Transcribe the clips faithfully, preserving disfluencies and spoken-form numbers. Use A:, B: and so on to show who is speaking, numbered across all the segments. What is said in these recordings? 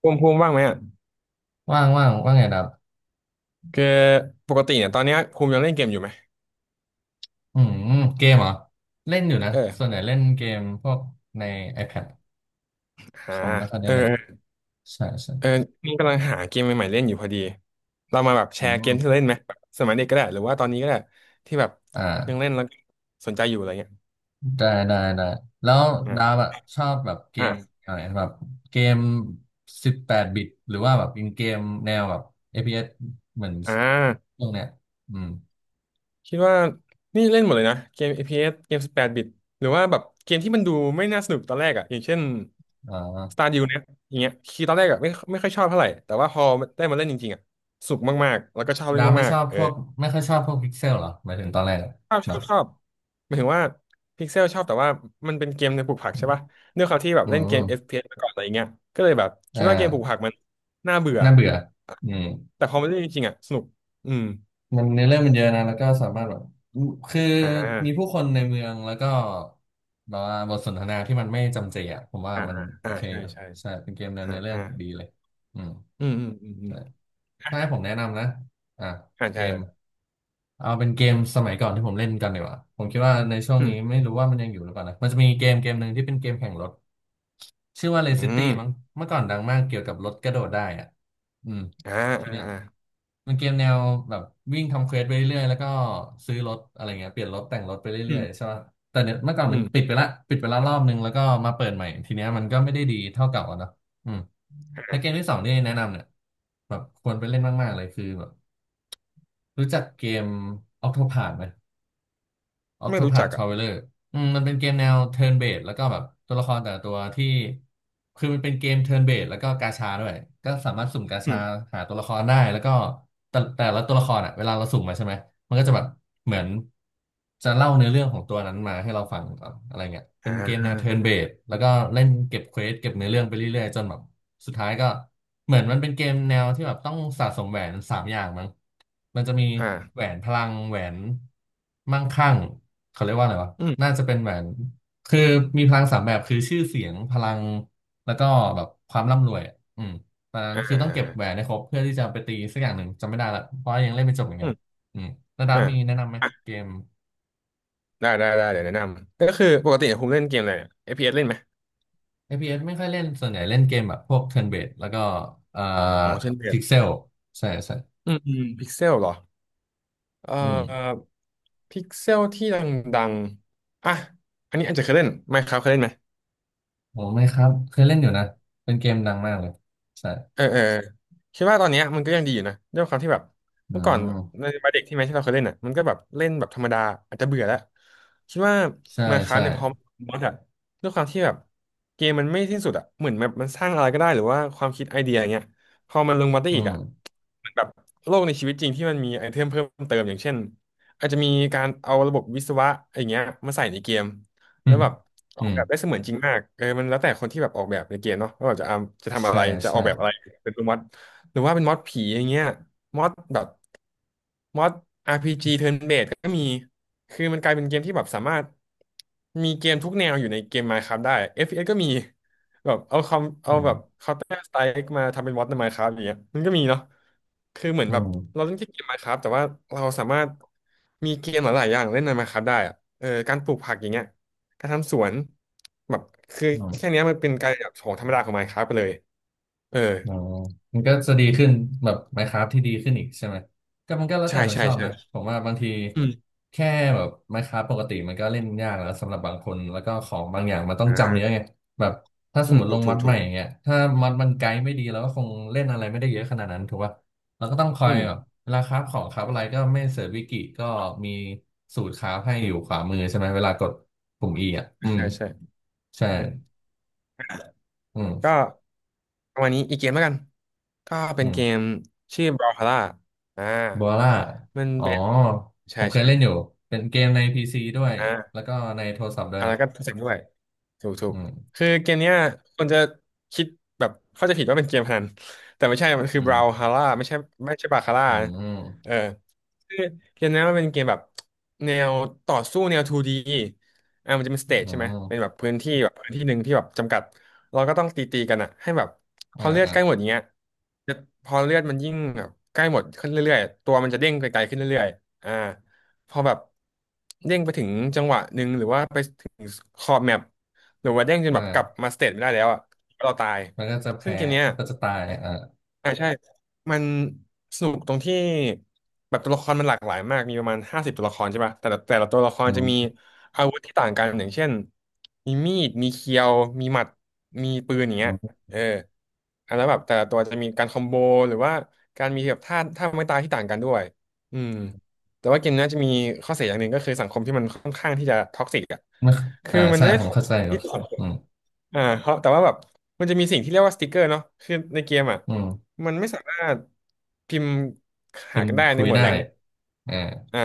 A: ภูมิภูมิว่างไหมอ่ะ
B: ว่างว่างว่างไงดับ
A: คือปกติเนี่ยตอนเนี้ยภูมิยังเล่นเกมอยู่ไหม
B: อืมเกมเหรอเล่นอยู่นะส่วนให
A: เออ
B: ญ่เล่นเกมพวกใน iPad ค
A: หา
B: อมไม่ค่อยได้
A: เออ
B: เล่น
A: เออ
B: ใช่ใช่
A: เออนี่กำลังหาเกมใหม่ๆเล่นอยู่พอดีเรามาแบบแช
B: อื
A: ร์เกมที่
B: ม
A: เราเล่นไหมแบบสมัยเด็กก็ได้หรือว่าตอนนี้ก็ได้ที่แบบยัง
B: อ่า
A: เล่นแล้วสนใจอยู่อะไรเงี้ย
B: ได้ได้ได้แล้ว
A: อ่า
B: ดาบอะชอบแบบเกม
A: อ่า
B: อะไรแบบเกมสิบแปดบิตหรือว่าแบบเป็นเกมแนวแบบ เอฟ พี เอส เอสเหมือน
A: อ่า
B: พวกเนี้ยอืม
A: คิดว่านี่เล่นหมดเลยนะเกม เอฟ พี เอส เอสเกมสิบแปดบแปดบิตหรือว่าแบบเกมที่มันดูไม่น่าสนุกตอนแรกอ่ะอย่างเช่น
B: อ่า
A: Stardew เนี่ยอย่างเงี้ยคือตอนแรกอ่ะไม่ไม่ค่อยชอบเท่าไหร่แต่ว่าพอได้มาเล่นจริงๆอ่ะสุกมากๆแล้วก็ชอบเล่
B: ดา
A: น
B: บไม่
A: มา
B: ช
A: ก
B: อบ
A: ๆเออ
B: พวกไม่ค่อยชอบพวกพิกเซลเหรอหมายถึงตอนแรกอะ
A: ชอบช
B: แบ
A: อ
B: บ
A: บชอบหมายถึงว่าพิกเซลชอบแต่ว่ามันเป็นเกมในปลูกผักใช่ป่ะด้วยความที่แบบ
B: อื
A: เล่นเกม
B: ม
A: เอฟ พี เอส มาก่อนอะไรเงี้ยก็เลยแบบ
B: อ่
A: คิดว่าเกมปลูก
B: า
A: ผักมันน่าเบื่อ
B: น่าเบื่ออืม
A: แต่พอมาเล่นจริงๆอ่ะสนุกอืม
B: มันเนื้อเรื่องมันเยอะนะแล้วก็สามารถแบบคือ
A: อ่
B: มีผู้
A: า
B: คนในเมืองแล้วก็แบบว่าบทสนทนาที่มันไม่จำเจอ่ะผมว่า
A: อ่า
B: มัน
A: อ่า
B: โอ
A: อ่า
B: เค
A: ใช่
B: อยู่
A: ใช่
B: ใช่เป็นเกมใน
A: อ่า
B: เนื้อเรื่อง
A: อ่า
B: ดีเลยอืม
A: อืมอืมอืมอืม
B: ใช่ ถ้าให้ผมแนะนำนะอ่ะ
A: อ่า
B: เก
A: ใช่
B: ม
A: เลย
B: เอาเป็นเกมสมัยก่อนที่ผมเล่นกันดีกว่าผมคิดว่าในช่วง
A: อืม
B: นี้ไม่รู้ว่ามันยังอยู่หรือเปล่านะมันจะมีเกมเกมหนึ่งที่เป็นเกมแข่งรถชื่อว่า
A: อื
B: Race City
A: ม
B: มั้งเมื่อก่อนดังมากเกี่ยวกับรถกระโดดได้อ่ะอืม
A: อ่า
B: ที
A: อ่า
B: เนี้ย
A: อ่า
B: มันเกมแนวแบบวิ่งทำเควสไปเรื่อยๆแล้วก็ซื้อรถอะไรเงี้ยเปลี่ยนรถแต่งรถไป
A: อื
B: เรื่อยๆใช่
A: ม
B: ป่ะแต่เนี่ยเมื่อก่อน
A: อื
B: มัน
A: ม
B: ปิดไปละปิดไปละรอบนึงแล้วก็มาเปิดใหม่ทีเนี้ยมันก็ไม่ได้ดีเท่าเก่าอะเนาะ ใน
A: อ่า
B: เกมที่สองที่แนะนำเนี่ยแบบควรไปเล่นมากๆเลยคือแบบรู้จักเกม Octopath ไหม
A: ไม่รู้จั
B: Octopath
A: กอ่ะ
B: Traveler อืมมันเป็นเกมแนว turn based แล้วก็แบบตัวละครแต่ละตัวที่คือมันเป็นเกม turn based แล้วก็กาชาด้วยก็สามารถสุ่มกา
A: อื
B: ชา
A: ม
B: หาตัวละครได้แล้วก็แต่แต่ละตัวละครอ่ะเวลาเราสุ่มมาใช่ไหมมันก็จะแบบเหมือนจะเล่าเนื้อเรื่องของตัวนั้นมาให้เราฟังก่อนอะไรเงี้ยเป็
A: อ่
B: นเกมแน
A: า
B: ว turn based แล้วก็เล่นเก็บเควสเก็บเนื้อเรื่องไปเรื่อยๆจนแบบ สุดท้ายก็เหมือนมันเป็นเกมแนวที่แบบต้องสะสมแหวนสามอย่างมั้งมันจะมี
A: อ่า
B: แหวนพลังแหวนมั่งคั่งเขาเรียกว่าอะไรวะ
A: อืม
B: น่าจะเป็นแหวนคือมีพลังสามแบบคือชื่อเสียงพลังแล้วก็แบบความร่ำรวยอะอืมตอนนั้น
A: อ่า
B: คือ
A: อ่า
B: ต้องเก็บแหวนให้ครบเพื่อที่จะไปตีสักอย่างหนึ่งจำไม่ได้ละเพราะยังเล่นไม่จบเหมือน
A: อื
B: กัน
A: ม
B: อืมแล้วดา
A: อ่า
B: มีแนะนำไหม
A: อ่ะ
B: เกม
A: ได้ได้ได้เดี๋ยวแนะนำก็คือปกติผมเล่นเกมอะไรเนี่ย เอฟ พี เอส เอสเล่นไหม
B: เ p s ไม่ค่อยเล่นส่วนใหญ่เล่นเกมแบบพวก turn based แล้วก็เอ่อ
A: อ๋อเช่นเดีย
B: pixel ใช่ใช่
A: อืมอืมพิกเซลเหรอเอ่
B: อืม
A: อพิกเซลที่ดังๆอ่ะอันนี้อาจจะเคยเล่นไหมครับเคยเล่นไหม
B: โอ้ไม่ครับเคยเล่นอยู่นะเป็นเกมดังมากเลยใช่
A: เออเออคิดว่าตอนเนี้ยมันก็ยังดีอยู่นะด้วยความที่แบบ
B: อื
A: เมื่อก่อน
B: ม
A: ในวัยเด็กที่แม้ที่เราเคยเล่นอ่ะมันก็แบบเล่นแบบธรรมดาอาจจะเบื่อแล้วคิดว่า
B: ใช่
A: มาคราฟ
B: ใช่
A: เนี่ยพอมอดอะด้วยความที่แบบเกมมันไม่สิ้นสุดอ่ะเหมือนแบบมันสร้างอะไรก็ได้หรือว่าความคิดไอเดียอย่างเงี้ยพอมันลงมาได้
B: อื
A: อีก
B: ม
A: อ่ะ เหมือนแบบโลกในชีวิตจริงที่มันมีไอเทมเพิ่มเติมอย่างเช่นอาจจะมีการเอาระบบวิศวะอะไรเงี้ยมาใส่ในเกม
B: อื
A: แล้ว
B: ม
A: แบบอ
B: อื
A: อก
B: ม
A: แบบได้เสมือนจริงมากเออมันแล้วแต่คนที่แบบออกแบบในเกมเนาะว่าแบบจะเอาจะทำอะ
B: ใช่
A: ไรจะอ
B: ใช่
A: อกแบบอะไรเป็นม็อดหรือว่าเป็นม็อดผีอย่างเงี้ยม็อดแบบม็อด อาร์ พี จี turn based ก็มีคือมันกลายเป็นเกมที่แบบสามารถมีเกมทุกแนวอยู่ในเกม Minecraft ได้ เอฟ พี เอส ก็มี แบบเอาคอมเอา
B: อื
A: แบบ
B: ม
A: เคาน์เตอร์สไตล์มาทำเป็นมอดใน Minecraft อย่างเงี้ยมันก็มีเนาะคือเหมือน
B: อื
A: แบบเรา
B: ม
A: เล่นแค่เกม Minecraft แต่ว่าเราสามารถมีเกมหลายๆอย่างเล่นใน Minecraft ได้อะเออการปลูกผักอย่างเงี้ยการทำสวนแบบคือ
B: อื
A: แค่
B: ม
A: เนี้ยมันเป็นการแบบของธรรมดาของ Minecraft ไปเลยเออ
B: อ๋อมันก็จะดีขึ้นแบบ Minecraft ที่ดีขึ้นอีกใช่ไหมก็มันก็แล้ว
A: ใช่
B: แต่คน
A: ใช่
B: ชอบ
A: ใช่
B: นะผมว่าบางที
A: อืม
B: แค่แบบ Minecraft ปกติมันก็เล่นยากแล้วสำหรับบางคนแล้วก็ของบางอย่างมันต้องจำเยอะ
A: อ่า
B: ไงแบบถ้าส
A: อื
B: มม
A: ม
B: ติล
A: ถู
B: ง
A: กถู
B: ม็อ
A: ก
B: ดให
A: ถู
B: ม่
A: ก
B: อย่างเงี้ยถ้าม็อดมันไกด์ไม่ดีเราก็คงเล่นอะไรไม่ได้เยอะขนาดนั้นถูกป่ะเราก็ต้องคอ
A: อื
B: ย
A: ม
B: แบบเวลาคราฟของคราฟอะไรก็ไม่เสิร์ชวิกิก็มีสูตรคราฟให้อยู่ขวามือใช่ไหมเวลากดปุ่ม E อ่ะอืม
A: ใช่ใช่
B: ใช่
A: อืม
B: อืม
A: ก็ประมาณนี้อีกเกมแล้วกันก็เป็
B: อื
A: น
B: ม
A: เกมชื่อ Brawlhalla อ่า
B: บัวล่า
A: มัน
B: อ๋อ
A: เป็น
B: ผ
A: ใช่
B: มเคย
A: ใช่
B: เล่นอยู่ เป็นเกมในพีซีด้วย
A: อ่า
B: แล้วก็ในโทรศัพท์ด้วย
A: อ่าแล้
B: เนาะ
A: วก็โทรศัพท์ด้วยถูกถูก
B: อืม
A: คือเกมเนี้ยคนจะคิดแบบเข้าใจผิดว่าเป็นเกมพนัน แต่ไม่ใช่มันคื
B: อื
A: อบราว
B: ม
A: ฮาร่าไม่ใช่ไม่ใช่บาคาร่า
B: อื
A: นะ
B: ม
A: เออคือเกมเนี้ยมันเป็นเกมแบบแนวต่อสู้แนว ทู ดี อ่ามันจะเป็นส
B: อื
A: เตจใช่ไหม เป็นแบ
B: ม
A: บพื้นที่แบบพื้นที่หนึ่งที่แบบจำกัด เราก็ต้องตีตีกันอะให้แบบพ
B: อ่า
A: อเลือด
B: อ่า
A: ใกล้หมดอย่างเงี้ยจะพอเลือดมันยิ่งแบบใกล้หมดขึ้นเรื่อยๆตัวมันจะเด้งไกลๆขึ้นเรื่อยๆอ่า พอแบบเด้งไปถึงจังหวะหนึ่งหรือว่าไปถึงขอบแมปหรือว่าเด้งจนแบบ
B: อ่า
A: กลับมาสเตจไม่ได้แล้วอ่ะเราตาย
B: มันก็จะ
A: ซึ่ง
B: แพ้
A: เกมเนี้ย
B: มันก็จะตายอ่า
A: อ่าใช่มันสนุกตรงที่แบบตัวละครมันหลากหลายมากมีประมาณห้าสิบตัวละครใช่ปะแต่ละแต่ละตัวละคร
B: อื
A: จะมี
B: ม
A: อาวุธที่ต่างกันอย่างเช่นมีมีดมีเคียวมีหมัดมีปืนอย่างเงี้ย
B: อืม
A: เอออ่ะแล้วแบบแต่ละตัวจะมีการคอมโบหรือว่าการมีแบบท่าท่าไม้ตายที่ต่างกันด้วยอืมแต่ว่าเกมนี้ยจะมีข้อเสียอย่างหนึ่งก็คือสังคมที่มันค่อนข้างที่จะท็อกซิกอ่ะ
B: ไม่
A: คื
B: อ่า
A: อมัน
B: ใช่
A: ไม่ได้
B: ผม
A: ท็อก
B: เข้า
A: ซิก
B: ใจอยู่
A: ที่สังค
B: อื
A: ม
B: ม
A: อ่าเพราะแต่ว่าแบบมันจะมีสิ่งที่เรียกว่าสติกเกอร์เนาะคือในเกมอ่ะ
B: อืม
A: มันไม่สามารถพิมพ์
B: พิ
A: หา
B: ม
A: กั
B: พ์
A: นได้
B: คุ
A: ใน
B: ย
A: หมวด
B: ได้
A: แรงค์
B: อ่า
A: อ่า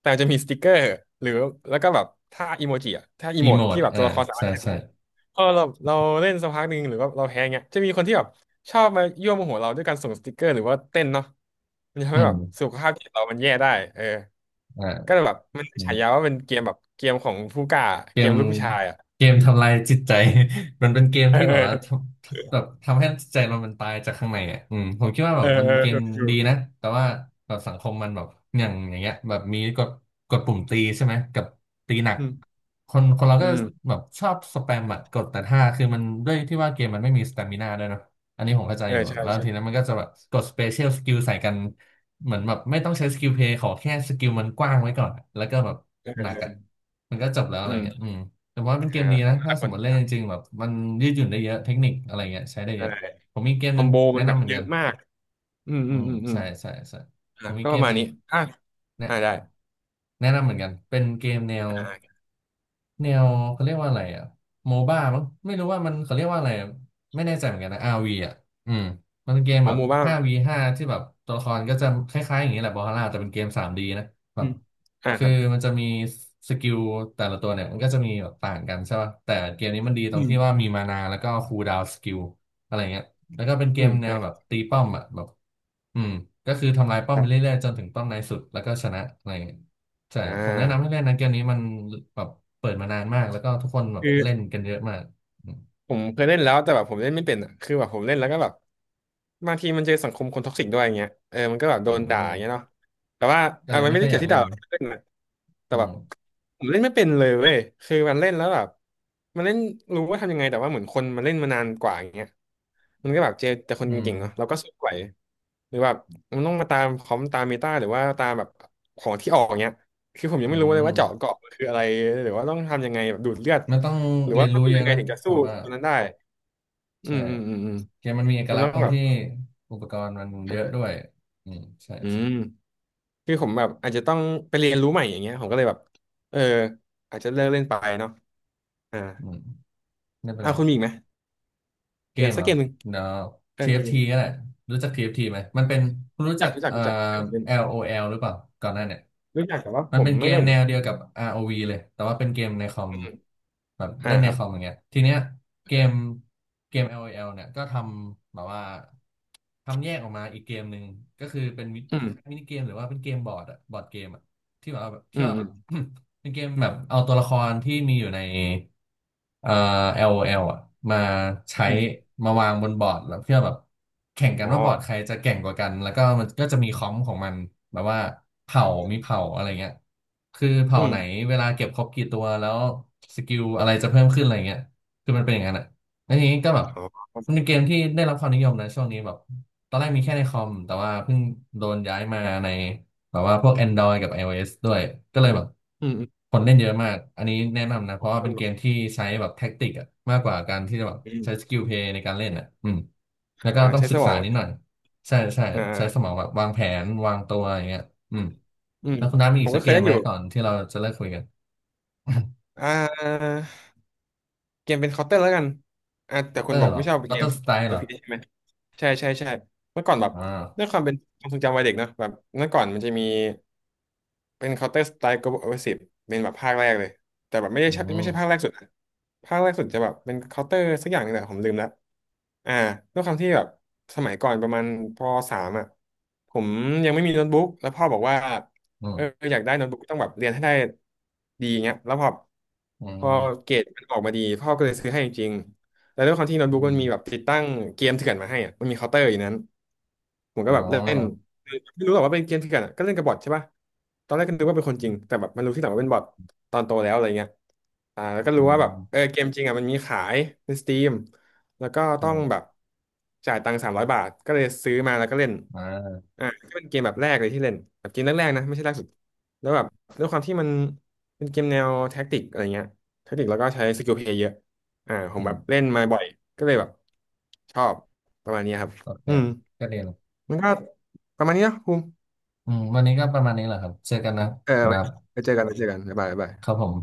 A: แต่จะมีสติกเกอร์หรือแล้วก็แบบถ้าอีโมจิอ่ะถ้าอี
B: อี
A: โม
B: โม
A: ด
B: ด
A: ที่แบบ
B: อ่า
A: ตัวละครสามา
B: ใช่
A: รถเล่น
B: ใช่
A: พอเราเราเล่นสักพักหนึ่งหรือว่าเราแพ้เงี้ยจะมีคนที่แบบชอบมายั่วโมโหเราด้วยการส่งสติกเกอร์หรือว่าเต้นเนาะมันจะทำ
B: อื
A: ให้แบบ
B: ม
A: สุขภาพจิตเรามันแย่ได้เออ
B: อ
A: ก็เลย
B: ่า
A: แบบมันฉายาว่าเป็นเกมแบบเกมของผู้กล้า
B: เก
A: เก
B: ม
A: มลูกผู้ชายอ่ะ
B: เกมทำลายจิตใจ มันเป็นเกม
A: เอ
B: ที่แบบว่าท
A: อ
B: ำทำแบบทำให้จิตใจเรามันตายจากข้างในอ่ะอืมผมคิดว่าแบ
A: เอ
B: บ
A: อ
B: มัน
A: เอ
B: เป็น
A: อ
B: เก
A: เออ
B: ม
A: ถูกถู
B: ดี
A: ก
B: นะแต่ว่าแบบสังคมมันแบบอย่างอย่างเงี้ยแบบมีกดกดปุ่มตีใช่ไหมกับตีหนัก
A: อืม
B: คนคนเรา
A: อื
B: ก็
A: ม
B: แบบชอบสแปมอะกดแต่ถ้าคือมันด้วยที่ว่าเกมมันไม่มีสตามินาด้วยเนอะอันนี้ผมเข้าใจ
A: เออ
B: อยู่
A: ใช่
B: แล้วทีนั้
A: ใช่
B: นมันก็จะแบบกดสเปเชียลสกิลใส่กัน เหมือนแบบไม่ต้องใช้สกิลเพลย์ขอแค่สกิลมันกว้างไว้ก่อนอะแล้วก็แบบ
A: เออเอ
B: หนักอ่ะ
A: อ
B: มันก็จบแล้วอะ
A: อื
B: ไรเงี้ย
A: ม
B: อืมแต่ว่าเป็นเก
A: อ่า
B: มดีนะถ้า
A: อ่า
B: ส
A: ค
B: ม
A: น
B: มติเล่นจริงๆแบบมันยืดหยุ่นได้เยอะเทคนิคอะไรเงี้ยใช้ได้เย
A: ใช่
B: อะผมมีเกม
A: ค
B: ห
A: อ
B: นึ่
A: ม
B: ง
A: โบ
B: แนะ
A: มันแบ
B: นำ
A: บ
B: เหมือน
A: เย
B: กั
A: อะ
B: น
A: มากอืม
B: อื
A: อืม
B: ม
A: อืมอืม
B: ใช่ใช่ใช่ผ
A: อ่า
B: มมี
A: ก็
B: เก
A: ป
B: ม
A: ระมา
B: ห
A: ณ
B: นึ่ง
A: นี้อ่า
B: แนะ
A: อ่าได้
B: แนะนำเหมือนกันเป็นเกมแนว
A: อ่า
B: แนวเขาเรียกว่าอะไรอ่ะโมบ้ามั้งไม่รู้ว่ามันเขาเรียกว่าอะไรอะไม่แน่ใจเหมือนกันนะ อาร์ วี อ่ะอืมมันเป็นเกม
A: ขอ
B: แบบ
A: โมบ้าง
B: ห้า วี ห้า ที่แบบตัวละครก็จะคล้ายๆอย่างนี้แหละบอลล่าแต่เป็นเกม ทรี ดี นะแบ
A: อื
B: บ
A: มอ่า
B: คื
A: ค
B: อ
A: รับ
B: มันจะมีสกิลแต่ละตัวเนี่ยมันก็จะมีแบบต่างกันใช่ป่ะแต่เกมนี้มันดีตร
A: อื
B: ง
A: ม
B: ที่ว่ามีมานาแล้วก็คูลดาวน์สกิลอะไรเงี้ยแล้วก็เป็นเก
A: อื
B: ม
A: ม
B: แน
A: อ่า
B: วแบบตีป้อมอ่ะแบบอืมก็คือทำลายป้อม
A: ครั
B: ไป
A: บ
B: เรื่อยๆจนถึงป้อมในสุดแล้วก็ชนะอะไรเงี้ย ใช่
A: อ่
B: ผมแนะนำให้
A: า
B: เล่นนะเกมนี้มันแบบเปิดมานานมากแล้วก็ทุกคนแบบ
A: คือ
B: เล่นกันเยอะมากอืม
A: ผมเคยเล่นแล้วแต่แบบผมเล่นไม่เป็นอ่ะคือแบบผมเล่นแล้วก็แบบบางทีมันเจอสังคมคนท็อกซิกด้วยอย่างเงี้ยเออมันก็แบบโด
B: โ
A: นด่าอย่างเงี้
B: อ
A: ยเนาะแต่ว่า
B: ก็
A: อ่ะ
B: เลย
A: มัน
B: ไม่
A: ไม่
B: ค่อ
A: ได้
B: ยอ
A: เกี่ย
B: ยา
A: ว
B: ก
A: ที่
B: เล่
A: ด่า
B: น
A: เล่นนะแต่
B: อื
A: แบ
B: ม
A: บผมเล่นไม่เป็นเลยเว้ยคือมันเล่นแล้วแบบมันเล่นรู้ว่าทำยังไงแต่ว่าเหมือนคนมันเล่นมานานกว่าอย่างเงี้ยมันก็แบบเจอแต่คน
B: อืม
A: เก่งๆเนาะเราก็สู้ไหวหรือแบบมันต้องมาตามคอมตามเมตาหรือว่าตามแบบของที่ออกเงี้ยคือผมยัง
B: อื
A: ไม่รู้เลยว่าเจาะ
B: ม
A: เกาะคืออะไรหรือว่าต้องทำยังไงแบบดูดเลือด
B: มันต้อง
A: หรือ
B: เรี
A: ว่า
B: ยน
A: ต้อง
B: รู้
A: ดู
B: เยอะ
A: ยังไง
B: นะ
A: ถึงจะ
B: ผ
A: สู้
B: มว่า
A: ตัวนั้นได้อื
B: ใช่
A: มอืมอืมอืม
B: เกมมันมีเอก
A: มัน
B: ลักษ
A: ต้อ
B: ณ์ตร
A: ง
B: ง
A: แบบ
B: ที่อุปกรณ์มันเยอะด้ว
A: เออ
B: ยอืมใช่
A: อืมคือผมแบบอาจจะต้องไปเรียนรู้ใหม่อย่างเงี้ยผมก็เลยแบบเอออาจจะเลิกเล่นไปเนาะอ่า
B: อืมไม่เป็น
A: อ่า
B: ไร
A: คุณมีอีกไหม
B: เก
A: เก
B: ม
A: มสั
B: เห
A: ก
B: รอ
A: เกมหนึ่ง
B: เนาะ
A: เออเก
B: ที เอฟ ที
A: ม
B: ก็แหละรู้จัก ที เอฟ ที ไหมมันเป็นคุณรู้
A: อ
B: จั
A: ยาก
B: ก
A: รู้จัก
B: เอ่อ
A: รู้จักเล่นเล่น
B: LOL หรือเปล่าก่อนหน้าเนี่ย
A: รู้จักแต่ว่า
B: มั
A: ผ
B: น
A: ม
B: เป็นเก
A: ไม่
B: ม
A: เล่น
B: แนวเดียวกับ อาร์ โอ วี เลยแต่ว่าเป็นเกมในคอม
A: อืม
B: แบบ
A: อ่า
B: เล่นใน
A: ครั
B: ค
A: บ
B: อมอย่างเงี้ยทีเนี้ยเกมเกม LOL เนี่ยก็ทำแบบว่าทำแยกออกมาอีกเกมหนึ่งก็คือเป็นมิ
A: อื
B: ค
A: ม
B: ล้ายๆมินิเกมหรือว่าเป็นเกมบอร์ดอะบอร์ดเกมอะที่แบบว่า
A: อื
B: ที่
A: ม
B: ว่า
A: อื
B: แบ
A: ม
B: บ เป็นเกมแบบเอาตัวละครที่มีอยู่ใน เอ่อ LOL อลโอแอลอ่ะมาใช้
A: อืม
B: มาวางบนบอร์ดแล้วเพื่อแบบแข่งกั
A: อ๋
B: น
A: อ
B: ว่าบอร์ดใครจะแก่งกว่ากันแล้วก็มันก็จะมีคอมของมันแบบว่าเผ่ามีเผ่าอะไรเงี้ยคือเผ่า
A: อืม
B: ไหนเวลาเก็บครบกี่ตัวแล้วสกิลอะไรจะเพิ่มขึ้นอะไรเงี้ยคือมันเป็นอย่างนั้นอ่ะแล้วทีนี้ก็แบบ
A: อ๋อ
B: มันเป็นเกมที่ได้รับความนิยมนะช่วงนี้แบบตอนแรกมีแค่ในคอมแต่ว่าเพิ่งโดนย้ายมาใน แบบว่าพวก แอนดรอยด์ กับ ไอ โอ เอส ด้วยก็เลยแบบ
A: อืมอืม
B: คนเล่นเยอะมากอันนี้แนะนำนะเพราะว่า
A: ค
B: เป็
A: น
B: น
A: บ
B: เก
A: อก
B: มที่ใช้แบบแท็กติกอะมากกว่าการที่จะ
A: อ
B: แบบ
A: ืม
B: ใช้สกิลเพลย์ในการเล่นอะอืมแล้ว
A: อ่า
B: ก็ต้อง
A: ใช้
B: ศึ
A: ส
B: ก
A: ม
B: ษา
A: อง
B: นิดหน่อยใช่ใช่
A: อ่
B: ใช้สม
A: า
B: องแบบวางแผนวางตัวอย่างเงี้ยอืม
A: อืม
B: แล้วคุณน้ามี
A: ผ
B: อี
A: ม
B: กสั
A: ก็
B: ก
A: เค
B: เก
A: ย
B: ม
A: เล่น
B: ไห
A: อ
B: ม
A: ยู่
B: ก่อนที่เราจะเลิกคุยกัน
A: อ่า เกมเป็นเคาน์เตอร์แล้วกันอ่ะ
B: ค
A: แต่
B: อเต
A: คุ
B: อ
A: ณบอ
B: ร์
A: ก
B: เหรอ
A: ไม่ชอบ
B: คอ
A: เก
B: เตอ
A: ม
B: ร์สไตล์เหรอ
A: เอฟ พี เอส ใช่ไหม ใช่ใช่ใช่เมื่อก่อนแบบ
B: อ่
A: ด้วย
B: า
A: ความเป็นความทรงจำวัยเด็กเนอะแบบเมื่อก่อนมันจะมีเป็น Counter Strike Global Offensive เป็นแบบภาคแรกเลยแต่แบบไม่ได้
B: อื
A: ใช่ไม่ใช่ภาคแร
B: ม
A: กสุดนะภาคแรกสุดจะแบบเป็น Counter สักอย่างหนึงแหละผมลืมแล้วอ่าด้วยความที่แบบสมัยก่อนประมาณปสามอ่ะผมยังไม่มีโน้ตบุ๊กแล้วพ่อบอกว่า
B: อืม
A: เอออยากได้โน้ตบุ๊กต้องแบบเรียนให้ได้ดีเงี้ยแล้วพอ
B: อื
A: พอ
B: ม
A: เกรดมันออกมาดีพ่อก็เลยซื้อให้จริง แล้วด้วยความที่โน้ตบุ๊ก
B: อื
A: มันมีแบบ
B: ม
A: ติดตั้งเกมเถื่อนมาให้อ่ะมันมีเคาน์เตอร์อยู่นั้นผมก็
B: อ๋อ
A: แบบเล่นคือไม่รู้หรอกว่าเป็นเกมเถื่อนอะก็เล่นกับบอทใช่ป่ะตอนแรกก็นึกว่าเป็นคนจริงแต่แบบมันรู้ที่หลังว่าเป็นบอทตอนโตแล้วอะไรเงี้ยอ่าแล้วก็
B: อื
A: รู้ว่าแบบเออ
B: ม
A: เกมจริงอ่ะมันมีขายในสตรีมแล้วก็
B: อื
A: ต้องแบบ
B: ม
A: จ่ายตังค์สามร้อยบาทก็เลยซื้อมาแล้วก็เล่น
B: อ่า
A: อ่าก็เป็นเกมแบบแรกเลยที่เล่นแบบเกมแรกๆนะไม่ใช่ล่าสุดแล้วแบบด้วยความที่มันเป็นเกมแนวแท็กติกอะไรเงี้ยแท็กติกแล้วก็ใช้สกิลเพลย์เยอะ อ่าผม
B: อื
A: แบ
B: ม
A: บเล่นมาบ่อยก็เลยแบบชอบประมาณนี้ครับ
B: โอเค
A: อืม
B: ก็ดีนะ
A: มันก็ประมาณนี้นะภูมิ
B: อืมวันนี้ก็ประมาณนี้แหละครับเจอกันนะ
A: เออ
B: ค
A: ไว้
B: รับ
A: ไว้เจอกันไว้เจอกันบ๊ายบายบ๊ายบา
B: ครับ
A: ย
B: ผม